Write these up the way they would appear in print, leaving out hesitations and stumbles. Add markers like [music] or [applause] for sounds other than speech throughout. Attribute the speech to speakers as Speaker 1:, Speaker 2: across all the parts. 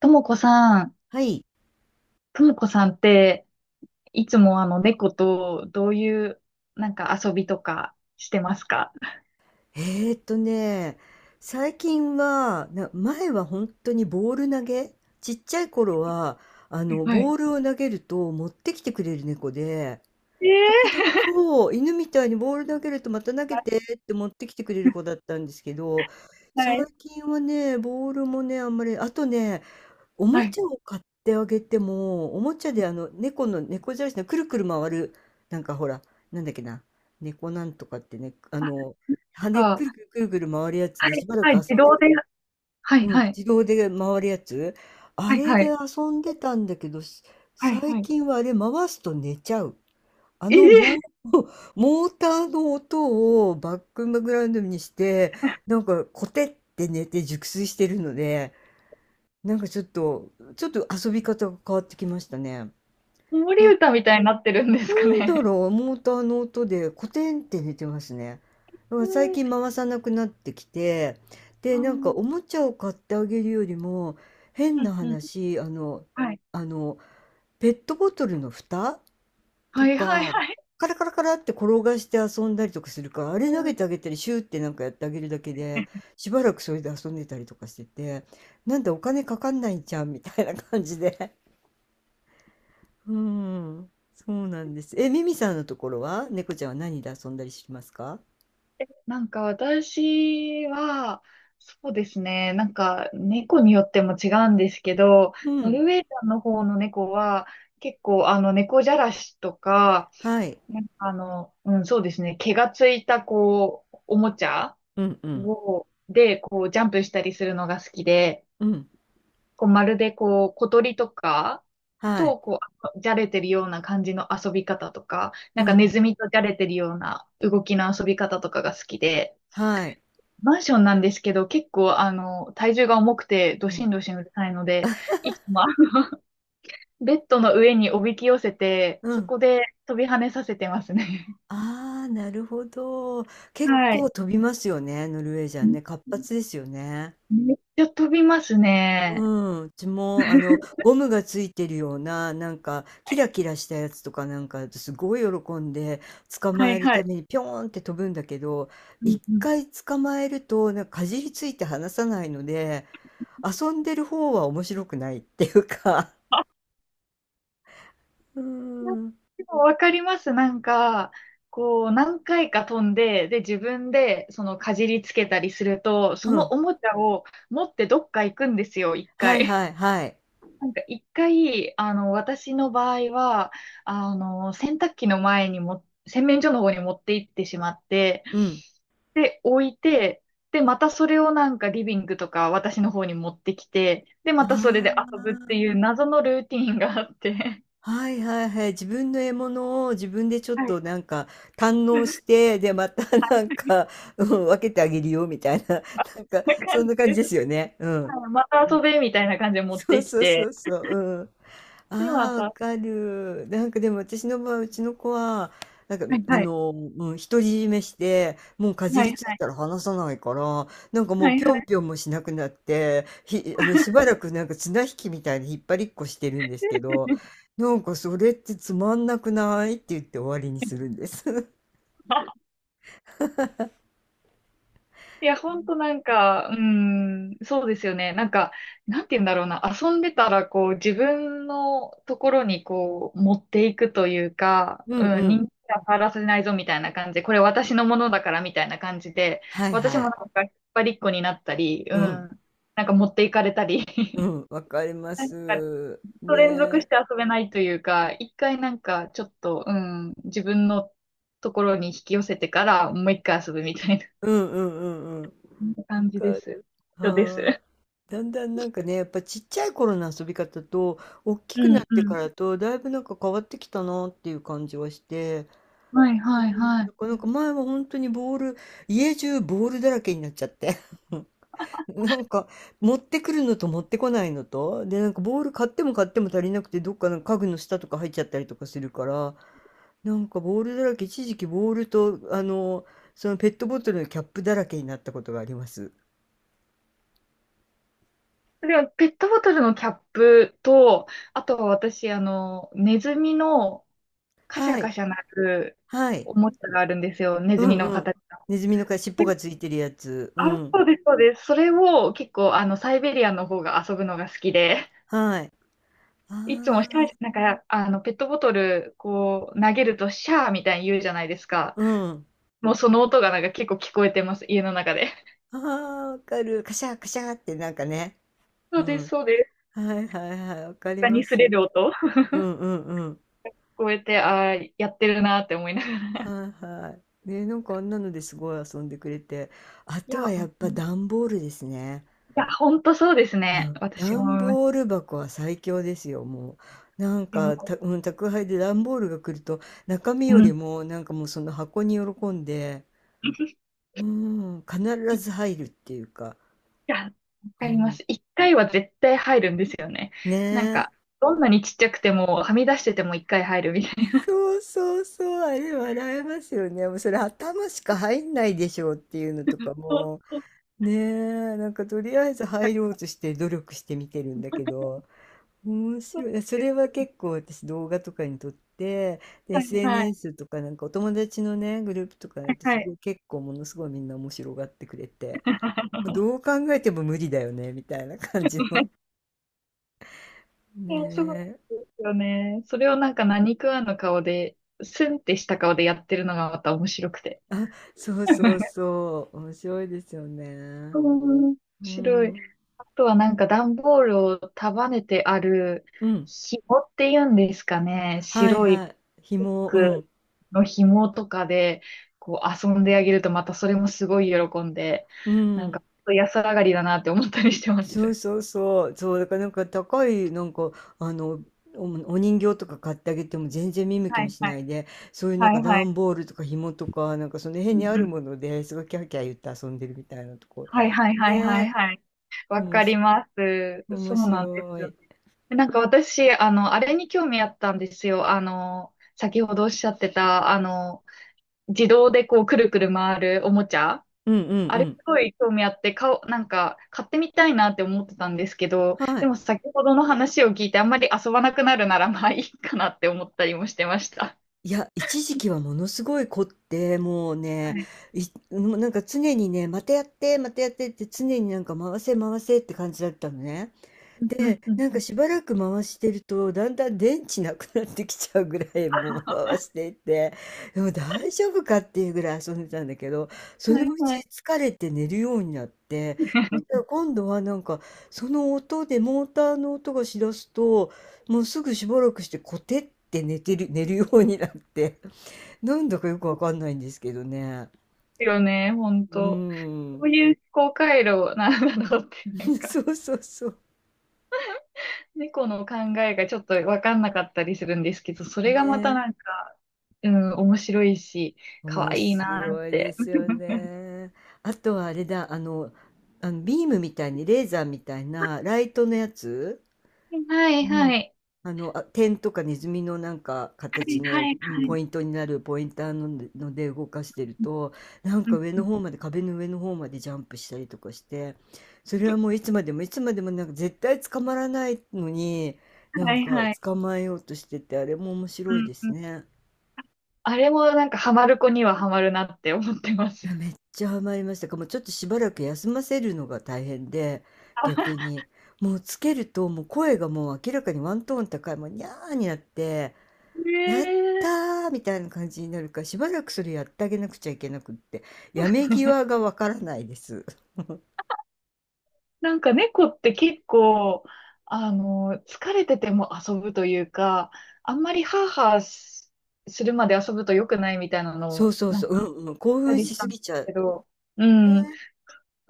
Speaker 1: ともこさん、
Speaker 2: はい。
Speaker 1: ともこさんって、いつもあの猫とどういうなんか遊びとかしてますか？
Speaker 2: えーっとね、最近は、前は本当にボール投げ、ちっちゃい頃は、
Speaker 1: はい、
Speaker 2: ボールを投げると持ってきてくれる猫で、時々、
Speaker 1: ええ
Speaker 2: そう、犬みたいにボール投げるとまた投げてって持ってきてくれ
Speaker 1: ー、
Speaker 2: る子だっ
Speaker 1: [laughs]
Speaker 2: たんですけど、
Speaker 1: は
Speaker 2: 最
Speaker 1: い。
Speaker 2: 近はね、ボールもね、あんまり、あとね、お
Speaker 1: は
Speaker 2: も
Speaker 1: い、
Speaker 2: ちゃを買ってあげても、おもちゃで猫の猫じゃらしのくるくる回る、なんかほら、なんだっけな、猫なんとかってね、
Speaker 1: あ、
Speaker 2: 羽
Speaker 1: か、
Speaker 2: くるくるくるくる回るやつ
Speaker 1: は
Speaker 2: でし
Speaker 1: い、
Speaker 2: ばら
Speaker 1: は
Speaker 2: く
Speaker 1: い、自
Speaker 2: 遊んで
Speaker 1: 動
Speaker 2: く
Speaker 1: で、
Speaker 2: れ、
Speaker 1: はい、
Speaker 2: うん、
Speaker 1: はい、
Speaker 2: 自動で回るやつ、あ
Speaker 1: はい、
Speaker 2: れ
Speaker 1: は
Speaker 2: で
Speaker 1: い。
Speaker 2: 遊んでたんだけど、
Speaker 1: はい、
Speaker 2: 最
Speaker 1: はい。
Speaker 2: 近はあれ回すと寝ちゃう。あのモ
Speaker 1: ええ
Speaker 2: ー、[laughs] モーターの音をバックグラウンドにして、
Speaker 1: ー、
Speaker 2: な
Speaker 1: [laughs]
Speaker 2: んかコテって寝て熟睡してるので、なんかちょっと、ちょっと遊び方が変わってきましたね。
Speaker 1: 子守
Speaker 2: な
Speaker 1: 歌みたいになってるんです
Speaker 2: な
Speaker 1: か
Speaker 2: んだ
Speaker 1: ね。
Speaker 2: ろう、モーターの音でコテンって寝てますね。だか
Speaker 1: え
Speaker 2: ら
Speaker 1: え
Speaker 2: 最
Speaker 1: ー、
Speaker 2: 近回さなくなってきて、
Speaker 1: あ
Speaker 2: で、なんか
Speaker 1: ー
Speaker 2: おもちゃを買ってあげるよりも、変
Speaker 1: う
Speaker 2: な
Speaker 1: ん、うん、
Speaker 2: 話、
Speaker 1: はい、
Speaker 2: あの、ペットボトルの蓋と
Speaker 1: はい、はい、
Speaker 2: か、
Speaker 1: はい。
Speaker 2: カラカラカラって転がして遊んだりとかするから、あれ投げてあげたり、シューってなんかやってあげるだけで、しばらくそれで遊んでたりとかしてて、なんだお金かかんないじゃんみたいな感じで。うん。そうなんです。え、ミミさんのところは猫ちゃんは何で遊んだりしますか？
Speaker 1: なんか私は、そうですね。なんか猫によっても違うんですけど、
Speaker 2: う
Speaker 1: ノ
Speaker 2: ん。
Speaker 1: ルウェージャンの方の猫は結構あの猫じゃらしとか、
Speaker 2: はい。
Speaker 1: なんかあの、うん、そうですね。毛がついたこう、おもちゃ
Speaker 2: うんうん。
Speaker 1: を、で、こうジャンプしたりするのが好きで、
Speaker 2: うん。
Speaker 1: こうまるでこう小鳥とか
Speaker 2: はい。
Speaker 1: とこうじゃれてるような感じの遊び方とか、な
Speaker 2: う
Speaker 1: ん
Speaker 2: んう
Speaker 1: かネ
Speaker 2: ん。
Speaker 1: ズミとじゃれてるような動きの遊び方とかが好きで、
Speaker 2: はい。
Speaker 1: マンションなんですけど、結構、あの、体重が重くて、ど
Speaker 2: う
Speaker 1: し
Speaker 2: ん。
Speaker 1: んどしんうるさいので、いつも、[laughs] ベッドの上におびき寄せて、
Speaker 2: う
Speaker 1: そ
Speaker 2: ん。
Speaker 1: こで飛び跳ねさせてますね。
Speaker 2: ああ、なるほど。
Speaker 1: [laughs]
Speaker 2: 結
Speaker 1: はい。
Speaker 2: 構飛びますよね、ノルウェージャンね。活発
Speaker 1: め
Speaker 2: ですよね。
Speaker 1: めっちゃ飛びます
Speaker 2: う
Speaker 1: ね。
Speaker 2: ん、うちもあのゴムがついてるようななんかキラキラしたやつとかなんかすごい喜んで捕
Speaker 1: は
Speaker 2: まえ
Speaker 1: い
Speaker 2: る
Speaker 1: は
Speaker 2: た
Speaker 1: い。
Speaker 2: めにピョーンって飛ぶんだけど、
Speaker 1: うん
Speaker 2: 一
Speaker 1: うん。
Speaker 2: 回捕まえるとなんかかじりついて離さないので、遊んでる方は面白くないっていうか、
Speaker 1: あ、
Speaker 2: うん、
Speaker 1: でもわかります。なんか、こう、何回か飛んで、で、自分で、その、かじりつけたりすると、そ
Speaker 2: う
Speaker 1: の
Speaker 2: ん、
Speaker 1: おもちゃを持ってどっか行くんですよ、一
Speaker 2: はい
Speaker 1: 回。
Speaker 2: はいはい、
Speaker 1: なんか一回、あの、私の場合は、あの、洗濯機の前にも、洗面所の方に持って行ってしまって、
Speaker 2: うん、
Speaker 1: で、置いて、で、またそれをなんかリビングとか私の方に持ってきて、で、
Speaker 2: は
Speaker 1: またそれで遊ぶっ
Speaker 2: あ。
Speaker 1: ていう謎のルーティンがあって、
Speaker 2: はいはいはい。自分の獲物を自分でちょっ
Speaker 1: はい。
Speaker 2: となんか堪
Speaker 1: こ
Speaker 2: 能
Speaker 1: ん
Speaker 2: して、で、また [laughs] なんか、うん、分けてあげるよみたいな、[laughs] なんか、
Speaker 1: な
Speaker 2: そ
Speaker 1: 感
Speaker 2: ん
Speaker 1: じ
Speaker 2: な感
Speaker 1: で
Speaker 2: じで
Speaker 1: す。
Speaker 2: すよね。うん。
Speaker 1: はいまた
Speaker 2: う
Speaker 1: 遊
Speaker 2: ん。
Speaker 1: べみたいな感じで持っ
Speaker 2: そう
Speaker 1: てき
Speaker 2: そうそう
Speaker 1: て、
Speaker 2: そう。うん。
Speaker 1: で、
Speaker 2: あ
Speaker 1: ま
Speaker 2: あ、
Speaker 1: た、
Speaker 2: わ
Speaker 1: は
Speaker 2: かる。なんかでも私の場合、うちの子は、なんか、
Speaker 1: いはい、
Speaker 2: うん、独り占めして、もうかじ
Speaker 1: はい
Speaker 2: りつい
Speaker 1: はい、
Speaker 2: たら離さないから、なんかも
Speaker 1: は
Speaker 2: う
Speaker 1: い
Speaker 2: ぴ
Speaker 1: は
Speaker 2: ょん
Speaker 1: い。
Speaker 2: ぴょんもしなくなって、ひ、あの、しばらくなんか綱引きみたいに引っ張りっこしてるんですけど、なんかそれってつまんなくないって言って終わりにするんです。[laughs]
Speaker 1: いや、ほんとなんか、うーん、そうですよね。なんか、なんて言うんだろうな。遊んでたら、こう、自分のところに、こう、持っていくというか、
Speaker 2: うん
Speaker 1: う
Speaker 2: う
Speaker 1: ん、人
Speaker 2: ん。
Speaker 1: 気は触らせないぞ、みたいな感じで、これ私のものだから、みたいな感じで、
Speaker 2: はい
Speaker 1: 私も
Speaker 2: は
Speaker 1: な
Speaker 2: い。
Speaker 1: んか、引っ張りっこになったり、う
Speaker 2: う
Speaker 1: ん、
Speaker 2: ん。
Speaker 1: なんか持っていかれたり、
Speaker 2: うん。わかり
Speaker 1: [laughs]
Speaker 2: ま
Speaker 1: なんか、
Speaker 2: す。
Speaker 1: ずっと連続し
Speaker 2: ね。
Speaker 1: て遊べないというか、一回なんか、ちょっと、うん、自分のところに引き寄せてから、もう一回遊ぶみたいな。
Speaker 2: うんうんうん
Speaker 1: そんな
Speaker 2: うん。わ
Speaker 1: 感じ
Speaker 2: か
Speaker 1: です。
Speaker 2: る。
Speaker 1: 人で
Speaker 2: はーい。
Speaker 1: す。
Speaker 2: だんだんなんかね、やっぱちっちゃい頃の遊び方と、大き
Speaker 1: う
Speaker 2: く
Speaker 1: ん
Speaker 2: なって
Speaker 1: う
Speaker 2: か
Speaker 1: ん。
Speaker 2: らと、だいぶなんか変わってきたなっていう感じはして、
Speaker 1: はいはい
Speaker 2: う
Speaker 1: は
Speaker 2: ん、だ
Speaker 1: い。
Speaker 2: からなんか前は本当にボール、家中ボールだらけになっちゃって。[laughs] なんか持ってくるのと持ってこないのと、で、なんかボール買っても買っても足りなくて、どっかの家具の下とか入っちゃったりとかするから、なんかボールだらけ、一時期ボールと、そのペットボトルのキャップだらけになったことがあります。
Speaker 1: でも、ペットボトルのキャップと、あとは私、あの、ネズミのカシャ
Speaker 2: はい、
Speaker 1: カシャ鳴る
Speaker 2: はい。
Speaker 1: おもちゃがあるんですよ。ネ
Speaker 2: う
Speaker 1: ズミ
Speaker 2: ん
Speaker 1: の
Speaker 2: うん。
Speaker 1: 形の。
Speaker 2: ネズミのか尻尾がついてるやつ。う
Speaker 1: あ、
Speaker 2: ん。
Speaker 1: そうです、そうです。それを結構、あの、サイベリアの方が遊ぶのが好きで、
Speaker 2: はい。
Speaker 1: いつもシ
Speaker 2: あ
Speaker 1: ャ
Speaker 2: あ、
Speaker 1: ー、なんか、あの、ペットボトル、こう、投げるとシャーみたいに言うじゃないですか。
Speaker 2: うん。
Speaker 1: もうその音がなんか結構聞こえてます、家の中で。
Speaker 2: ああ、わかる。カシャカシャってなんかね。
Speaker 1: そ
Speaker 2: う
Speaker 1: うです、
Speaker 2: ん。
Speaker 1: そうです。
Speaker 2: はいはいはい。わかり
Speaker 1: 下
Speaker 2: ま
Speaker 1: に擦れ
Speaker 2: す。
Speaker 1: る音。
Speaker 2: うんうんうん。
Speaker 1: こうやって、ああ、やってるなって思いながら。
Speaker 2: はいはい。ね、なんかあんなのですごい遊んでくれて。あ
Speaker 1: い
Speaker 2: とは
Speaker 1: や、う
Speaker 2: やっぱ
Speaker 1: ん
Speaker 2: 段ボールですね。
Speaker 1: いや、ほんとそうです
Speaker 2: う
Speaker 1: ね。
Speaker 2: ん。
Speaker 1: 私も思
Speaker 2: 段
Speaker 1: います。
Speaker 2: ボール箱は最強ですよ、もう。
Speaker 1: いや、
Speaker 2: うん、宅配で段ボールが来ると、中身
Speaker 1: う
Speaker 2: より
Speaker 1: ん。
Speaker 2: も、なんかもうその箱に喜んで、
Speaker 1: [laughs]
Speaker 2: うん、必
Speaker 1: い
Speaker 2: ず入るっていうか、
Speaker 1: や、わ
Speaker 2: う
Speaker 1: かりま
Speaker 2: ん、
Speaker 1: す。一回は絶対入るんですよね。
Speaker 2: ね
Speaker 1: なん
Speaker 2: え。
Speaker 1: か、どんなにちっちゃくても、はみ出してても一回入るみたいな。
Speaker 2: そうそうそう、あれ笑えますよね。もうそれ頭しか入んないでしょうっていうのとか
Speaker 1: そう
Speaker 2: も、
Speaker 1: そう
Speaker 2: ねえ、なんかとりあえず入ろうとして努力して見てるんだけど、面
Speaker 1: そう
Speaker 2: 白い。そ
Speaker 1: 絶
Speaker 2: れは結構私動画とかに撮って、で
Speaker 1: 対はい、
Speaker 2: SNS とかなんかお友達のね、グループとかやっ
Speaker 1: は
Speaker 2: てすご
Speaker 1: い。
Speaker 2: い結構ものすごいみんな面白がってくれて、どう考えても無理だよね、みたいな感じの。
Speaker 1: いや、そうなんで
Speaker 2: ね、
Speaker 1: すよね。それをなんか何食わぬ顔で、スンってした顔でやってるのがまた面白くて。
Speaker 2: そうそうそう。面白いですよね。
Speaker 1: 面
Speaker 2: う
Speaker 1: 白い。
Speaker 2: ん。
Speaker 1: あとはなんか段ボールを束ねてある
Speaker 2: うん。
Speaker 1: 紐っていうんですかね。
Speaker 2: はい
Speaker 1: 白い
Speaker 2: は
Speaker 1: ピ
Speaker 2: い。
Speaker 1: ッ
Speaker 2: 紐、う
Speaker 1: ク
Speaker 2: ん。
Speaker 1: の紐とかでこう遊んであげるとまたそれもすごい喜んで、
Speaker 2: う
Speaker 1: なん
Speaker 2: ん。
Speaker 1: か安上がりだなって思ったりしてます。
Speaker 2: そうそうそう。そう、だからなんか高い、あの、お、お人形とか買ってあげても全然見向き
Speaker 1: は
Speaker 2: も
Speaker 1: い
Speaker 2: し
Speaker 1: は
Speaker 2: な
Speaker 1: い。
Speaker 2: いで、そういうなん
Speaker 1: は
Speaker 2: か
Speaker 1: いはい。
Speaker 2: 段ボールとか紐とか、なんかその辺
Speaker 1: うん
Speaker 2: にあ
Speaker 1: う
Speaker 2: る
Speaker 1: ん。
Speaker 2: ものですごいキャーキャー言って遊んでるみたいなとこ。
Speaker 1: はいはいはいはい
Speaker 2: ねえ。
Speaker 1: はい。
Speaker 2: お
Speaker 1: わ
Speaker 2: も
Speaker 1: かり
Speaker 2: し、
Speaker 1: ます。そ
Speaker 2: 面
Speaker 1: うなんです
Speaker 2: 白
Speaker 1: よ。
Speaker 2: い。
Speaker 1: なんか私、あの、あれに興味あったんですよ。あの、先ほどおっしゃってた、あの、自動でこうくるくる回るおもちゃ。
Speaker 2: うんうん
Speaker 1: あ
Speaker 2: う
Speaker 1: れ
Speaker 2: ん。
Speaker 1: すごい興味あって、かおう、なんか買ってみたいなって思ってたんですけど、
Speaker 2: は
Speaker 1: で
Speaker 2: い。
Speaker 1: も先ほどの話を聞いてあんまり遊ばなくなるならまあいいかなって思ったりもしてました。
Speaker 2: いや、一時期はものすごい凝って、もうね、
Speaker 1: はい。
Speaker 2: いもうなんか常にね、またやって、またやってって常になんか回せ回せって感じだったのね。
Speaker 1: うんうんうん
Speaker 2: なん
Speaker 1: う
Speaker 2: か
Speaker 1: ん
Speaker 2: しばらく回してると、だんだん電池なくなってきちゃうぐらいもう回していって、でも大丈夫かっていうぐらい遊んでたんだけど、その
Speaker 1: は
Speaker 2: う
Speaker 1: いはい。
Speaker 2: ち疲れて寝るようになって、そしたら今度はなんかその音でモーターの音がしだすと、もうすぐしばらくしてコテって寝てる、寝るようになって。なんだかよくわかんないんですけどね。
Speaker 1: ですよね、本
Speaker 2: う
Speaker 1: 当。
Speaker 2: ー
Speaker 1: どう
Speaker 2: ん。
Speaker 1: いう思考回路なんだろうって、
Speaker 2: [laughs]
Speaker 1: なん
Speaker 2: そ
Speaker 1: か、
Speaker 2: うそうそう。
Speaker 1: [laughs] 猫の考えがちょっと分かんなかったりするんですけど、それがまた
Speaker 2: ね。
Speaker 1: なんか、うん、面白いし、可
Speaker 2: 面
Speaker 1: 愛いなーっ
Speaker 2: 白いで
Speaker 1: て。
Speaker 2: すよ
Speaker 1: [laughs]
Speaker 2: ね。あとはあれだ、あのビームみたいにレーザーみたいなライトのやつ、
Speaker 1: は
Speaker 2: う
Speaker 1: いは
Speaker 2: ん。
Speaker 1: い。
Speaker 2: 点とかネズミのなんか形
Speaker 1: は
Speaker 2: の
Speaker 1: い
Speaker 2: うん
Speaker 1: は
Speaker 2: ポ
Speaker 1: い。
Speaker 2: イントになるポインターので、ので動かしてると、なん
Speaker 1: う
Speaker 2: か
Speaker 1: ん
Speaker 2: 上
Speaker 1: う
Speaker 2: の
Speaker 1: ん
Speaker 2: 方まで、壁の上の方までジャンプしたりとかして、それ
Speaker 1: う
Speaker 2: は
Speaker 1: ん
Speaker 2: もういつまでもいつまでもなんか絶対捕まらないのに、な
Speaker 1: は
Speaker 2: ん
Speaker 1: い
Speaker 2: か
Speaker 1: はい。
Speaker 2: 捕まえようとしてて、あれも面
Speaker 1: う
Speaker 2: 白い
Speaker 1: ん
Speaker 2: で
Speaker 1: う
Speaker 2: す
Speaker 1: ん。
Speaker 2: ね。
Speaker 1: あれもなんかハマる子にはハマるなって思ってま
Speaker 2: い
Speaker 1: す。
Speaker 2: や、めっちゃハマりましたか。もうちょっとしばらく休ませるのが大変で、逆に。もうつけると、もう声がもう明らかにワントーン高い、もうニャーになって、
Speaker 1: ね
Speaker 2: やった
Speaker 1: え。
Speaker 2: ーみたいな感じになるから、しばらくそれやってあげなくちゃいけなくって、やめ際がわからないです。
Speaker 1: なんか猫って結構、あの、疲れてても遊ぶというか、あんまりハーハーするまで遊ぶと良くないみたいなの
Speaker 2: そう
Speaker 1: を、
Speaker 2: そう
Speaker 1: な
Speaker 2: そ
Speaker 1: ん
Speaker 2: う、
Speaker 1: か、あっ
Speaker 2: うんうん、興
Speaker 1: た
Speaker 2: 奮
Speaker 1: り
Speaker 2: し
Speaker 1: した
Speaker 2: す
Speaker 1: んで
Speaker 2: ぎ
Speaker 1: す
Speaker 2: ちゃう。
Speaker 1: けど、うん。
Speaker 2: ね。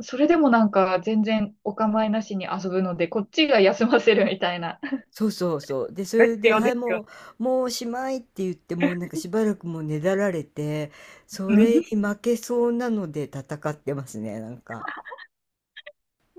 Speaker 1: それでもなんか全然お構いなしに遊ぶので、こっちが休ませるみたいな、
Speaker 2: そうそうそう。で、そ
Speaker 1: [laughs] が
Speaker 2: れ
Speaker 1: 必
Speaker 2: で、
Speaker 1: 要
Speaker 2: はい、
Speaker 1: ですよね。
Speaker 2: もうおしまいって言って、もうなんかしばらくもうねだられて、
Speaker 1: う
Speaker 2: それに
Speaker 1: ん。
Speaker 2: 負けそうなので戦ってますね、なんか。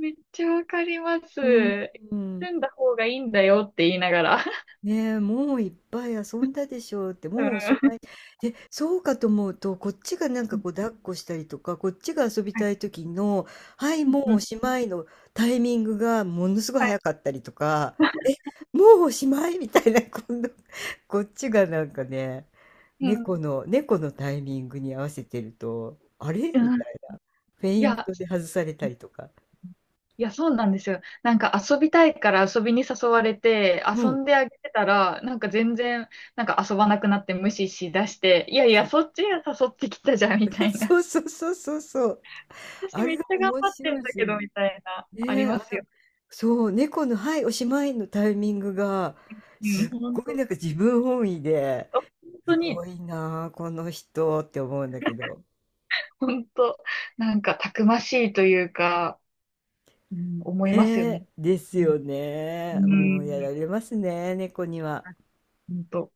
Speaker 1: めっちゃわかりま
Speaker 2: うん、
Speaker 1: す。
Speaker 2: うん。
Speaker 1: 住んだ方がいいんだよって言いながら。
Speaker 2: ねえ、もういっぱい遊んだでしょうって、
Speaker 1: うん。
Speaker 2: もうおし
Speaker 1: は
Speaker 2: まい。で、そうかと思うと、こっちがなんかこう抱っこしたりとか、こっちが遊び
Speaker 1: い
Speaker 2: たい時の、はい、
Speaker 1: う
Speaker 2: もうお
Speaker 1: ん。
Speaker 2: しまいのタイミングがものすごい
Speaker 1: はい
Speaker 2: 早かったりとか、もうおしまいみたいな、今度、こっちがなんかね、
Speaker 1: うん
Speaker 2: 猫のタイミングに合わせてると、あれみ
Speaker 1: うん
Speaker 2: たいな。フェ
Speaker 1: い
Speaker 2: イン
Speaker 1: や、
Speaker 2: トで外されたりとか。
Speaker 1: いや、そうなんですよ。なんか遊びたいから遊びに誘われて、
Speaker 2: う
Speaker 1: 遊
Speaker 2: ん。
Speaker 1: んであげてたら、なんか全然、なんか遊ばなくなって無視しだして、いやい
Speaker 2: そ
Speaker 1: や、
Speaker 2: う、
Speaker 1: そっちが誘ってきたじゃん、みた
Speaker 2: [laughs]
Speaker 1: いな。
Speaker 2: そう。
Speaker 1: 私
Speaker 2: あ
Speaker 1: めっ
Speaker 2: れ
Speaker 1: ちゃ頑
Speaker 2: 面
Speaker 1: 張ってん
Speaker 2: 白
Speaker 1: だ
Speaker 2: いですよ
Speaker 1: けど、
Speaker 2: ね。
Speaker 1: みたいな、あり
Speaker 2: ねえ、
Speaker 1: ますよ。
Speaker 2: そう、猫の「はい、おしまい」のタイミングが、
Speaker 1: う
Speaker 2: す
Speaker 1: ん、
Speaker 2: っ
Speaker 1: 本
Speaker 2: ごい
Speaker 1: 当、
Speaker 2: なんか自分本位で、
Speaker 1: 本
Speaker 2: す
Speaker 1: 当に、
Speaker 2: ごいなあ、この人って思うんだけど。
Speaker 1: 本当、なんかたくましいというか、うん、思
Speaker 2: ね
Speaker 1: いますよね。
Speaker 2: え、です
Speaker 1: うん、
Speaker 2: よね。
Speaker 1: う
Speaker 2: もうや
Speaker 1: ん、
Speaker 2: られますね、猫には。
Speaker 1: ほんと。